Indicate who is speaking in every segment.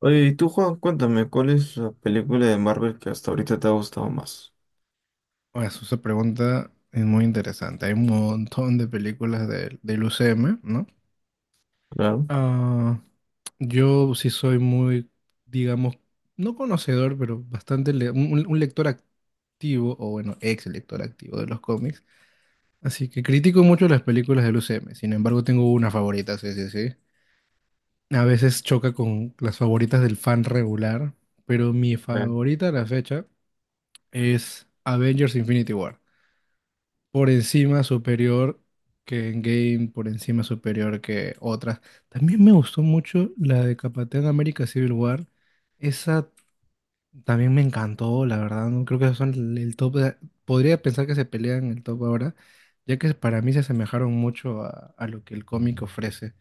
Speaker 1: Oye, y tú, Juan, cuéntame, ¿cuál es la película de Marvel que hasta ahorita te ha gustado más?
Speaker 2: Pues esa pregunta es muy interesante. Hay un montón de películas del UCM, ¿no?
Speaker 1: Claro.
Speaker 2: Ah, yo sí soy muy, digamos, no conocedor, pero un lector activo, o bueno, ex lector activo de los cómics. Así que critico mucho las películas del UCM. Sin embargo, tengo una favorita, sí, sí, sí. A veces choca con las favoritas del fan regular, pero mi
Speaker 1: Bien.
Speaker 2: favorita a la fecha es Avengers Infinity War, por encima superior que en game, por encima superior que otras. También me gustó mucho la de Capitán América Civil War. Esa también me encantó, la verdad. No creo que esos son el top podría pensar que se pelean en el top ahora, ya que para mí se asemejaron mucho a lo que el cómic ofrece.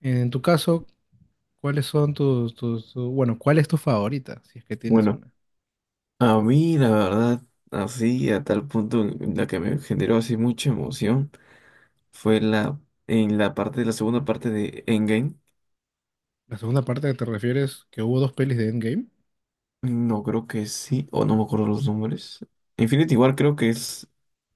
Speaker 2: En tu caso, ¿cuáles son bueno, cuál es tu favorita, si es que tienes
Speaker 1: Bueno,
Speaker 2: una?
Speaker 1: a mí la verdad, así a tal punto en la que me generó así mucha emoción fue la en la parte de la segunda parte de Endgame.
Speaker 2: La segunda parte que te refieres, que hubo dos pelis de Endgame.
Speaker 1: No creo que sí, o no me acuerdo los nombres. Infinity War creo que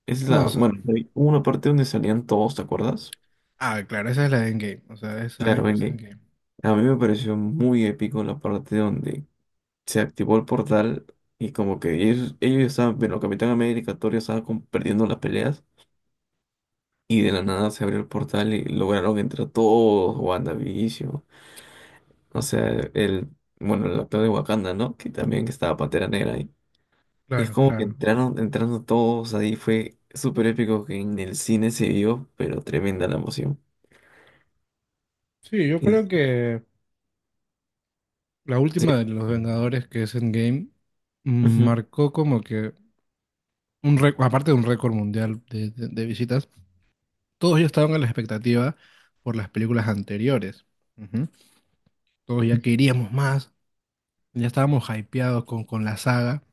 Speaker 1: es
Speaker 2: No.
Speaker 1: la, bueno, hay una parte donde salían todos, ¿te acuerdas?
Speaker 2: Claro, esa es la de Endgame, o sea, es
Speaker 1: Claro,
Speaker 2: Avengers
Speaker 1: Endgame.
Speaker 2: Endgame.
Speaker 1: A mí me pareció muy épico la parte donde se activó el portal y como que ellos estaban, bueno, Capitán América, Thor ya estaba como perdiendo las peleas y de la nada se abrió el portal y lograron entrar todos, WandaVision, o sea, el, bueno, el actor de Wakanda, ¿no? Que también estaba Pantera Negra ahí. Y es
Speaker 2: Claro,
Speaker 1: como que
Speaker 2: claro.
Speaker 1: entraron, entrando todos ahí, fue súper épico que en el cine se vio, pero tremenda la emoción.
Speaker 2: Sí, yo
Speaker 1: Y,
Speaker 2: creo que la
Speaker 1: sí,
Speaker 2: última de los Vengadores, que es Endgame,
Speaker 1: ujú.
Speaker 2: marcó como que aparte de un récord mundial de visitas, todos ya estaban a la expectativa por las películas anteriores. Ujú. Todos ya queríamos más, ya estábamos hypeados con la saga,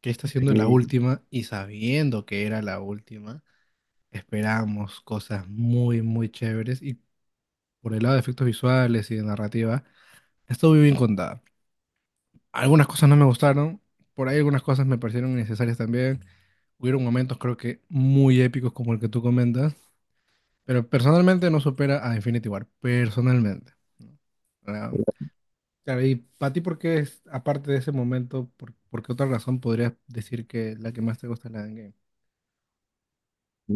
Speaker 2: que está siendo la última, y sabiendo que era la última, esperábamos cosas muy, muy chéveres por el lado de efectos visuales y de narrativa, estuvo muy bien contada. Algunas cosas no me gustaron, por ahí algunas cosas me parecieron innecesarias también. Hubieron momentos creo que muy épicos como el que tú comentas, pero personalmente no supera a Infinity War, personalmente, ¿no? Ah, claro, y para ti, ¿por qué es, aparte de ese momento, por qué otra razón podrías decir que la que más te gusta es la de Endgame?
Speaker 1: Sí,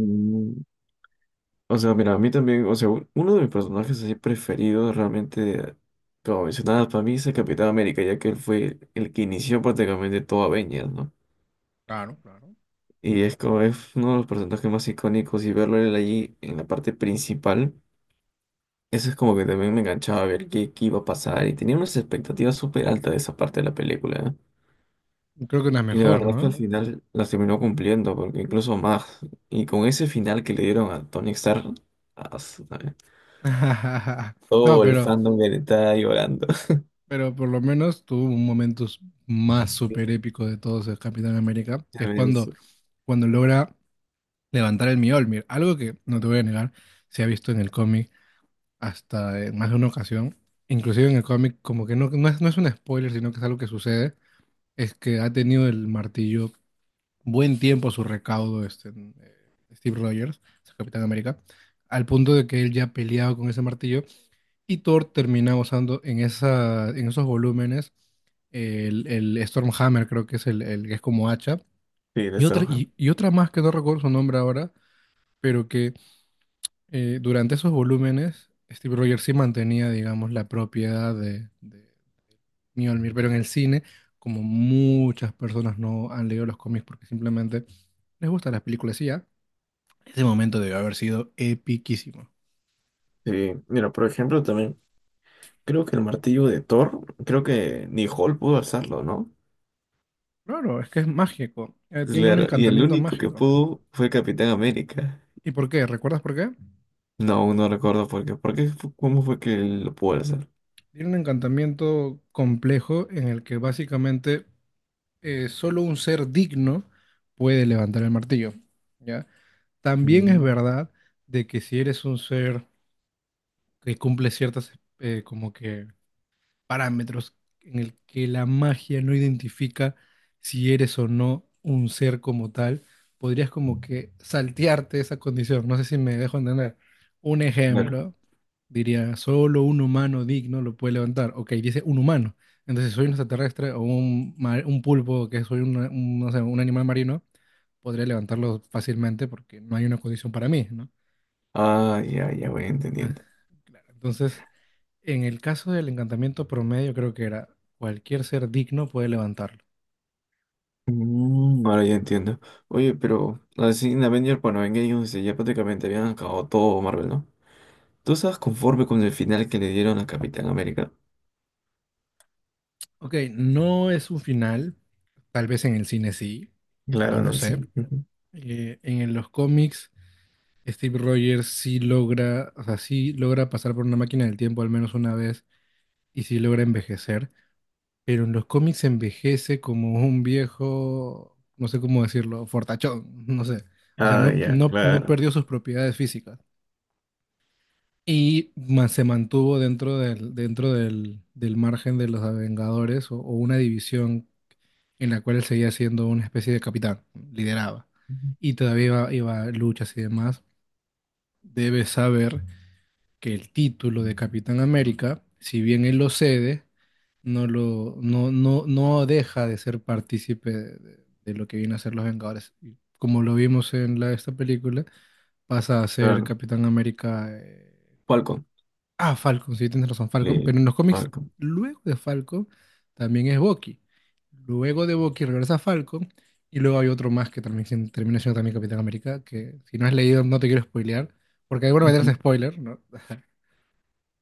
Speaker 1: o sea, mira, a mí también, o sea, uno de mis personajes así preferidos realmente, como mencionabas, para mí es el Capitán América, ya que él fue el que inició prácticamente todo Avengers, ¿no?
Speaker 2: Claro, claro.
Speaker 1: Y es como es uno de los personajes más icónicos y verlo a él allí en la parte principal, eso es como que también me enganchaba a ver qué iba a pasar y tenía unas expectativas súper altas de esa parte de la película, ¿eh?
Speaker 2: Creo que una
Speaker 1: Y la
Speaker 2: mejor,
Speaker 1: verdad que al
Speaker 2: ¿no?
Speaker 1: final las terminó cumpliendo, porque incluso más, y con ese final que le dieron a Tony Stark, as-
Speaker 2: No,
Speaker 1: todo el
Speaker 2: pero
Speaker 1: fandom que le está llorando.
Speaker 2: Pero por lo menos tuvo más súper
Speaker 1: Sí,
Speaker 2: épico de todos el Capitán América, que
Speaker 1: a
Speaker 2: es
Speaker 1: ver,
Speaker 2: cuando,
Speaker 1: eso.
Speaker 2: cuando logra levantar el Mjolnir, algo que no te voy a negar, se ha visto en el cómic hasta en más de una ocasión, inclusive en el cómic como que no, no es un spoiler, sino que es algo que sucede, es que ha tenido el martillo buen tiempo a su recaudo este, Steve Rogers, el Capitán América, al punto de que él ya ha peleado con ese martillo y Thor termina usando en esa, en esos volúmenes el Stormhammer, creo que es el que es como hacha.
Speaker 1: Sí, de
Speaker 2: Y
Speaker 1: esta
Speaker 2: otra,
Speaker 1: hoja.
Speaker 2: y otra más que no recuerdo su nombre ahora, pero que durante esos volúmenes Steve Rogers sí mantenía, digamos, la propiedad de Mjolnir, pero en el cine, como muchas personas no han leído los cómics porque simplemente les gustan las películas y ya, ese momento debe haber sido epiquísimo.
Speaker 1: Sí, mira, por ejemplo, también creo que el martillo de Thor, creo que ni Hall pudo alzarlo, ¿no?
Speaker 2: Claro, es que es mágico, tiene un
Speaker 1: Claro, y el
Speaker 2: encantamiento
Speaker 1: único que
Speaker 2: mágico.
Speaker 1: pudo fue Capitán América.
Speaker 2: ¿Y por qué? ¿Recuerdas por qué?
Speaker 1: No, aún no recuerdo por qué. ¿Cómo fue que él lo pudo alzar?
Speaker 2: Tiene un encantamiento complejo en el que básicamente solo un ser digno puede levantar el martillo, ¿ya? También es
Speaker 1: Mm,
Speaker 2: verdad de que si eres un ser que cumple ciertas como que parámetros en el que la magia no identifica si eres o no un ser como tal, podrías como que saltearte esa condición. No sé si me dejo entender. Un
Speaker 1: Claro.
Speaker 2: ejemplo, diría, solo un humano digno lo puede levantar. Ok, dice un humano. Entonces, si soy un extraterrestre o un pulpo, que soy un, no sé, un animal marino, podría levantarlo fácilmente porque no hay una condición para mí, ¿no?
Speaker 1: Ah, ya, ya voy entendiendo.
Speaker 2: Claro, entonces... En el caso del encantamiento promedio, creo que era cualquier ser digno puede levantarlo.
Speaker 1: Mm, ahora ya entiendo. Oye, pero así en Avengers, bueno, en ellos ya prácticamente habían acabado todo Marvel, ¿no? ¿Tú estás conforme con el final que le dieron a Capitán América?
Speaker 2: Ok, no es un final, tal vez en el cine sí, no
Speaker 1: Claro, en
Speaker 2: lo
Speaker 1: el
Speaker 2: sé.
Speaker 1: sí.
Speaker 2: En los cómics, Steve Rogers sí logra, o sea, sí logra pasar por una máquina del tiempo al menos una vez y sí logra envejecer, pero en los cómics envejece como un viejo, no sé cómo decirlo, fortachón, no sé. O sea,
Speaker 1: Ah,
Speaker 2: no,
Speaker 1: ya,
Speaker 2: no, no
Speaker 1: claro.
Speaker 2: perdió sus propiedades físicas. Y se mantuvo dentro del margen de los Vengadores o una división en la cual él seguía siendo una especie de capitán, lideraba. Y todavía iba, iba a luchas y demás. Debe saber que el título de Capitán América, si bien él lo cede, no, lo, no, no, no deja de ser partícipe de lo que viene a ser los Vengadores. Y como lo vimos en la, esta película, pasa a ser
Speaker 1: Claro.
Speaker 2: Capitán América,
Speaker 1: Falcon.
Speaker 2: ah, Falcon, sí, tienes razón, Falcon.
Speaker 1: Le-
Speaker 2: Pero en los cómics,
Speaker 1: Falcon.
Speaker 2: luego de Falcon, también es Bucky. Luego de Bucky regresa Falcon. Y luego hay otro más que también termina siendo también Capitán América. Que si no has leído, no te quiero spoilear. Porque de alguna manera
Speaker 1: Ujú.
Speaker 2: es spoiler, ¿no?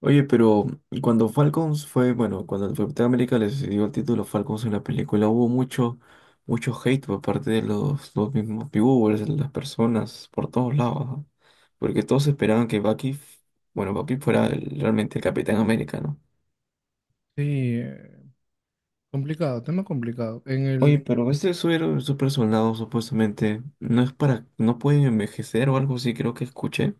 Speaker 1: Oye, pero cuando Falcons fue, bueno, cuando el Capitán América les dio el título Falcons en la película, hubo mucho, mucho hate por parte de los mismos viewers, de las personas, por todos lados, ¿no? Porque todos esperaban que bueno, Bucky fuera realmente el Capitán América, ¿no?
Speaker 2: Sí, eh, complicado, tema complicado.
Speaker 1: Oye, pero este suero, super soldado, supuestamente, no es para, no puede envejecer o algo así, creo que escuché.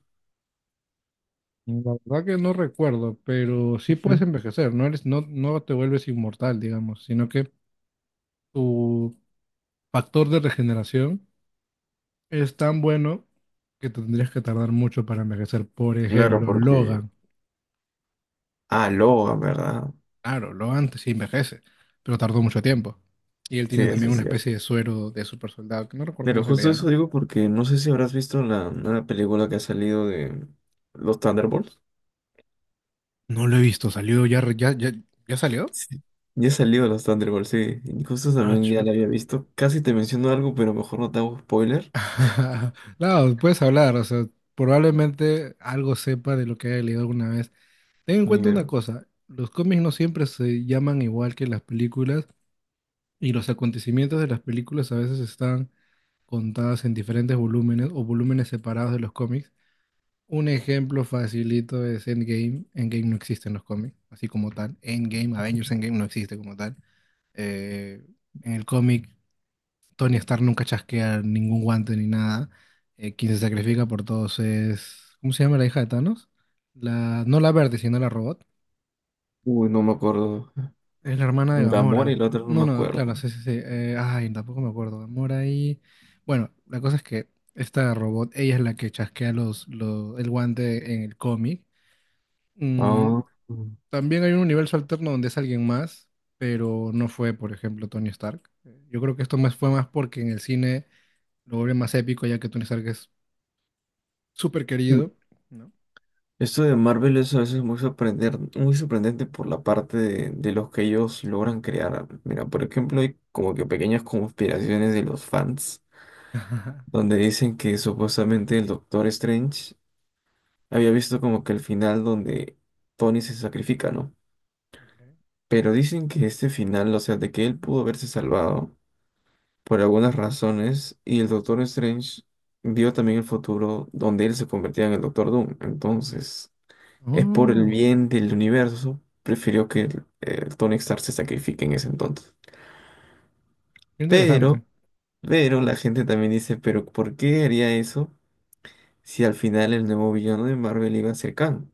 Speaker 2: La verdad que no recuerdo, pero sí puedes
Speaker 1: Ujú.
Speaker 2: envejecer, no eres, no, no te vuelves inmortal, digamos, sino que tu factor de regeneración es tan bueno que tendrías que tardar mucho para envejecer. Por
Speaker 1: Claro,
Speaker 2: ejemplo,
Speaker 1: porque...
Speaker 2: Logan.
Speaker 1: Ah, Logan, ¿verdad?
Speaker 2: Claro, Logan sí envejece, pero tardó mucho tiempo. Y él
Speaker 1: Sí,
Speaker 2: tiene
Speaker 1: eso
Speaker 2: también
Speaker 1: es
Speaker 2: una
Speaker 1: cierto.
Speaker 2: especie de suero de super soldado, que no recuerdo cómo
Speaker 1: Pero
Speaker 2: se le
Speaker 1: justo
Speaker 2: llama.
Speaker 1: eso digo porque no sé si habrás visto la nueva película que ha salido de los Thunderbolts.
Speaker 2: No lo he visto, salió ya, ya salió.
Speaker 1: Sí. Ya ha salido los Thunderbolts, sí. Y justo
Speaker 2: Ah,
Speaker 1: también ya la había
Speaker 2: chuta.
Speaker 1: visto. Casi te menciono algo, pero mejor no te hago spoiler.
Speaker 2: No, puedes hablar, o sea, probablemente algo sepa de lo que haya leído alguna vez. Ten en cuenta una
Speaker 1: Mira.
Speaker 2: cosa, los cómics no siempre se llaman igual que las películas y los acontecimientos de las películas a veces están contadas en diferentes volúmenes o volúmenes separados de los cómics. Un ejemplo facilito es Endgame. Endgame no existe en los cómics, así como tal. Endgame, Avengers Endgame no existe como tal. Eh, en el cómic, Tony Stark nunca chasquea ningún guante ni nada. Quien se sacrifica por todos es... ¿Cómo se llama la hija de Thanos? La, no la verde, sino la robot.
Speaker 1: Uy, no me acuerdo.
Speaker 2: Es la hermana de
Speaker 1: Gamora
Speaker 2: Gamora.
Speaker 1: y la otra no
Speaker 2: No,
Speaker 1: me
Speaker 2: no, claro,
Speaker 1: acuerdo.
Speaker 2: sí, sí, sí. Ay, tampoco me acuerdo. Gamora y... Bueno, la cosa es que esta robot, ella es la que chasquea el guante en el cómic.
Speaker 1: Ah.
Speaker 2: Mm, también hay un universo alterno donde es alguien más, pero no fue, por ejemplo, Tony Stark. Yo creo que esto más fue más porque en el cine lo vuelve más épico, ya que Tony Stark es súper
Speaker 1: Mm.
Speaker 2: querido, ¿no?
Speaker 1: Esto de Marvel es a veces muy sorprendente por la parte de los que ellos logran crear. Mira, por ejemplo, hay como que pequeñas conspiraciones de los fans donde dicen que supuestamente el Doctor Strange había visto como que el final donde Tony se sacrifica, ¿no?
Speaker 2: Ok.
Speaker 1: Pero dicen que este final, o sea, de que él pudo haberse salvado por algunas razones y el Doctor Strange vio también el futuro donde él se convertía en el Doctor Doom. Entonces, es por el
Speaker 2: Oh,
Speaker 1: bien del universo, prefirió que el Tony Stark se sacrifique en ese entonces.
Speaker 2: qué interesante.
Speaker 1: Pero, pero la gente también dice, pero ¿por qué haría eso? Si al final el nuevo villano de Marvel iba a ser Kang.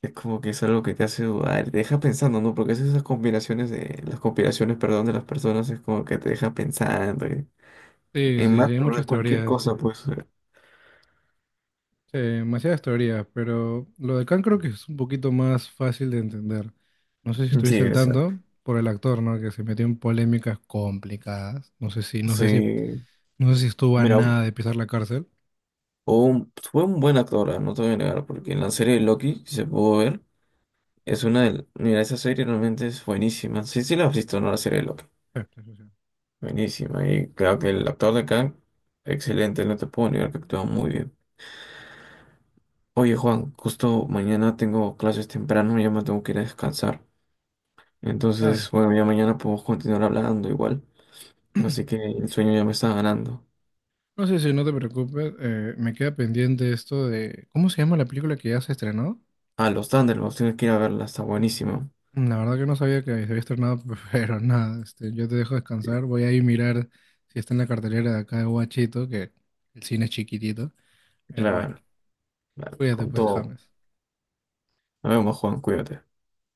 Speaker 1: Es como que es algo que te hace dudar, te deja pensando, ¿no? Porque esas conspiraciones de, las conspiraciones, perdón, de las personas es como que te deja pensando, ¿eh?
Speaker 2: Sí,
Speaker 1: En
Speaker 2: sí,
Speaker 1: más,
Speaker 2: sí, hay
Speaker 1: pero
Speaker 2: muchas
Speaker 1: cualquier
Speaker 2: teorías.
Speaker 1: cosa, pues, eh.
Speaker 2: Sí, demasiadas teorías, pero lo de Khan creo que es un poquito más fácil de entender. No sé si
Speaker 1: Sí,
Speaker 2: estuviste al
Speaker 1: es cierto.
Speaker 2: tanto por el actor, ¿no? Que se metió en polémicas complicadas.
Speaker 1: Sí.
Speaker 2: No sé si estuvo a
Speaker 1: Mira, hubo
Speaker 2: nada de pisar la cárcel.
Speaker 1: fue un buen actor, ah, no te voy a negar, porque en la serie de Loki, si se pudo ver, es una de... Mira, esa serie realmente es buenísima. Sí, sí la has visto, ¿no? La serie de Loki.
Speaker 2: Sí, sí, sí, sí.
Speaker 1: Buenísima. Y claro que el actor de Kang, excelente, no te puedo negar que actúa muy bien. Oye, Juan, justo mañana tengo clases temprano, ya me tengo que ir a descansar.
Speaker 2: Dale.
Speaker 1: Entonces, bueno, ya mañana podemos continuar hablando igual. Así que el sueño ya me está ganando.
Speaker 2: No, sé si no te preocupes. Me queda pendiente esto de, ¿cómo se llama la película que ya se estrenó?
Speaker 1: Ah, los Thunderbolts, tienes que ir a verla, está buenísimo.
Speaker 2: La verdad que no sabía que se había estrenado, pero nada, este, yo te dejo
Speaker 1: Claro,
Speaker 2: descansar. Voy a ir a mirar si está en la cartelera de acá de Guachito, que el cine es chiquitito. Pero bueno,
Speaker 1: claro, dale,
Speaker 2: cuídate
Speaker 1: con
Speaker 2: pues,
Speaker 1: todo.
Speaker 2: James.
Speaker 1: Nos vemos, Juan, cuídate.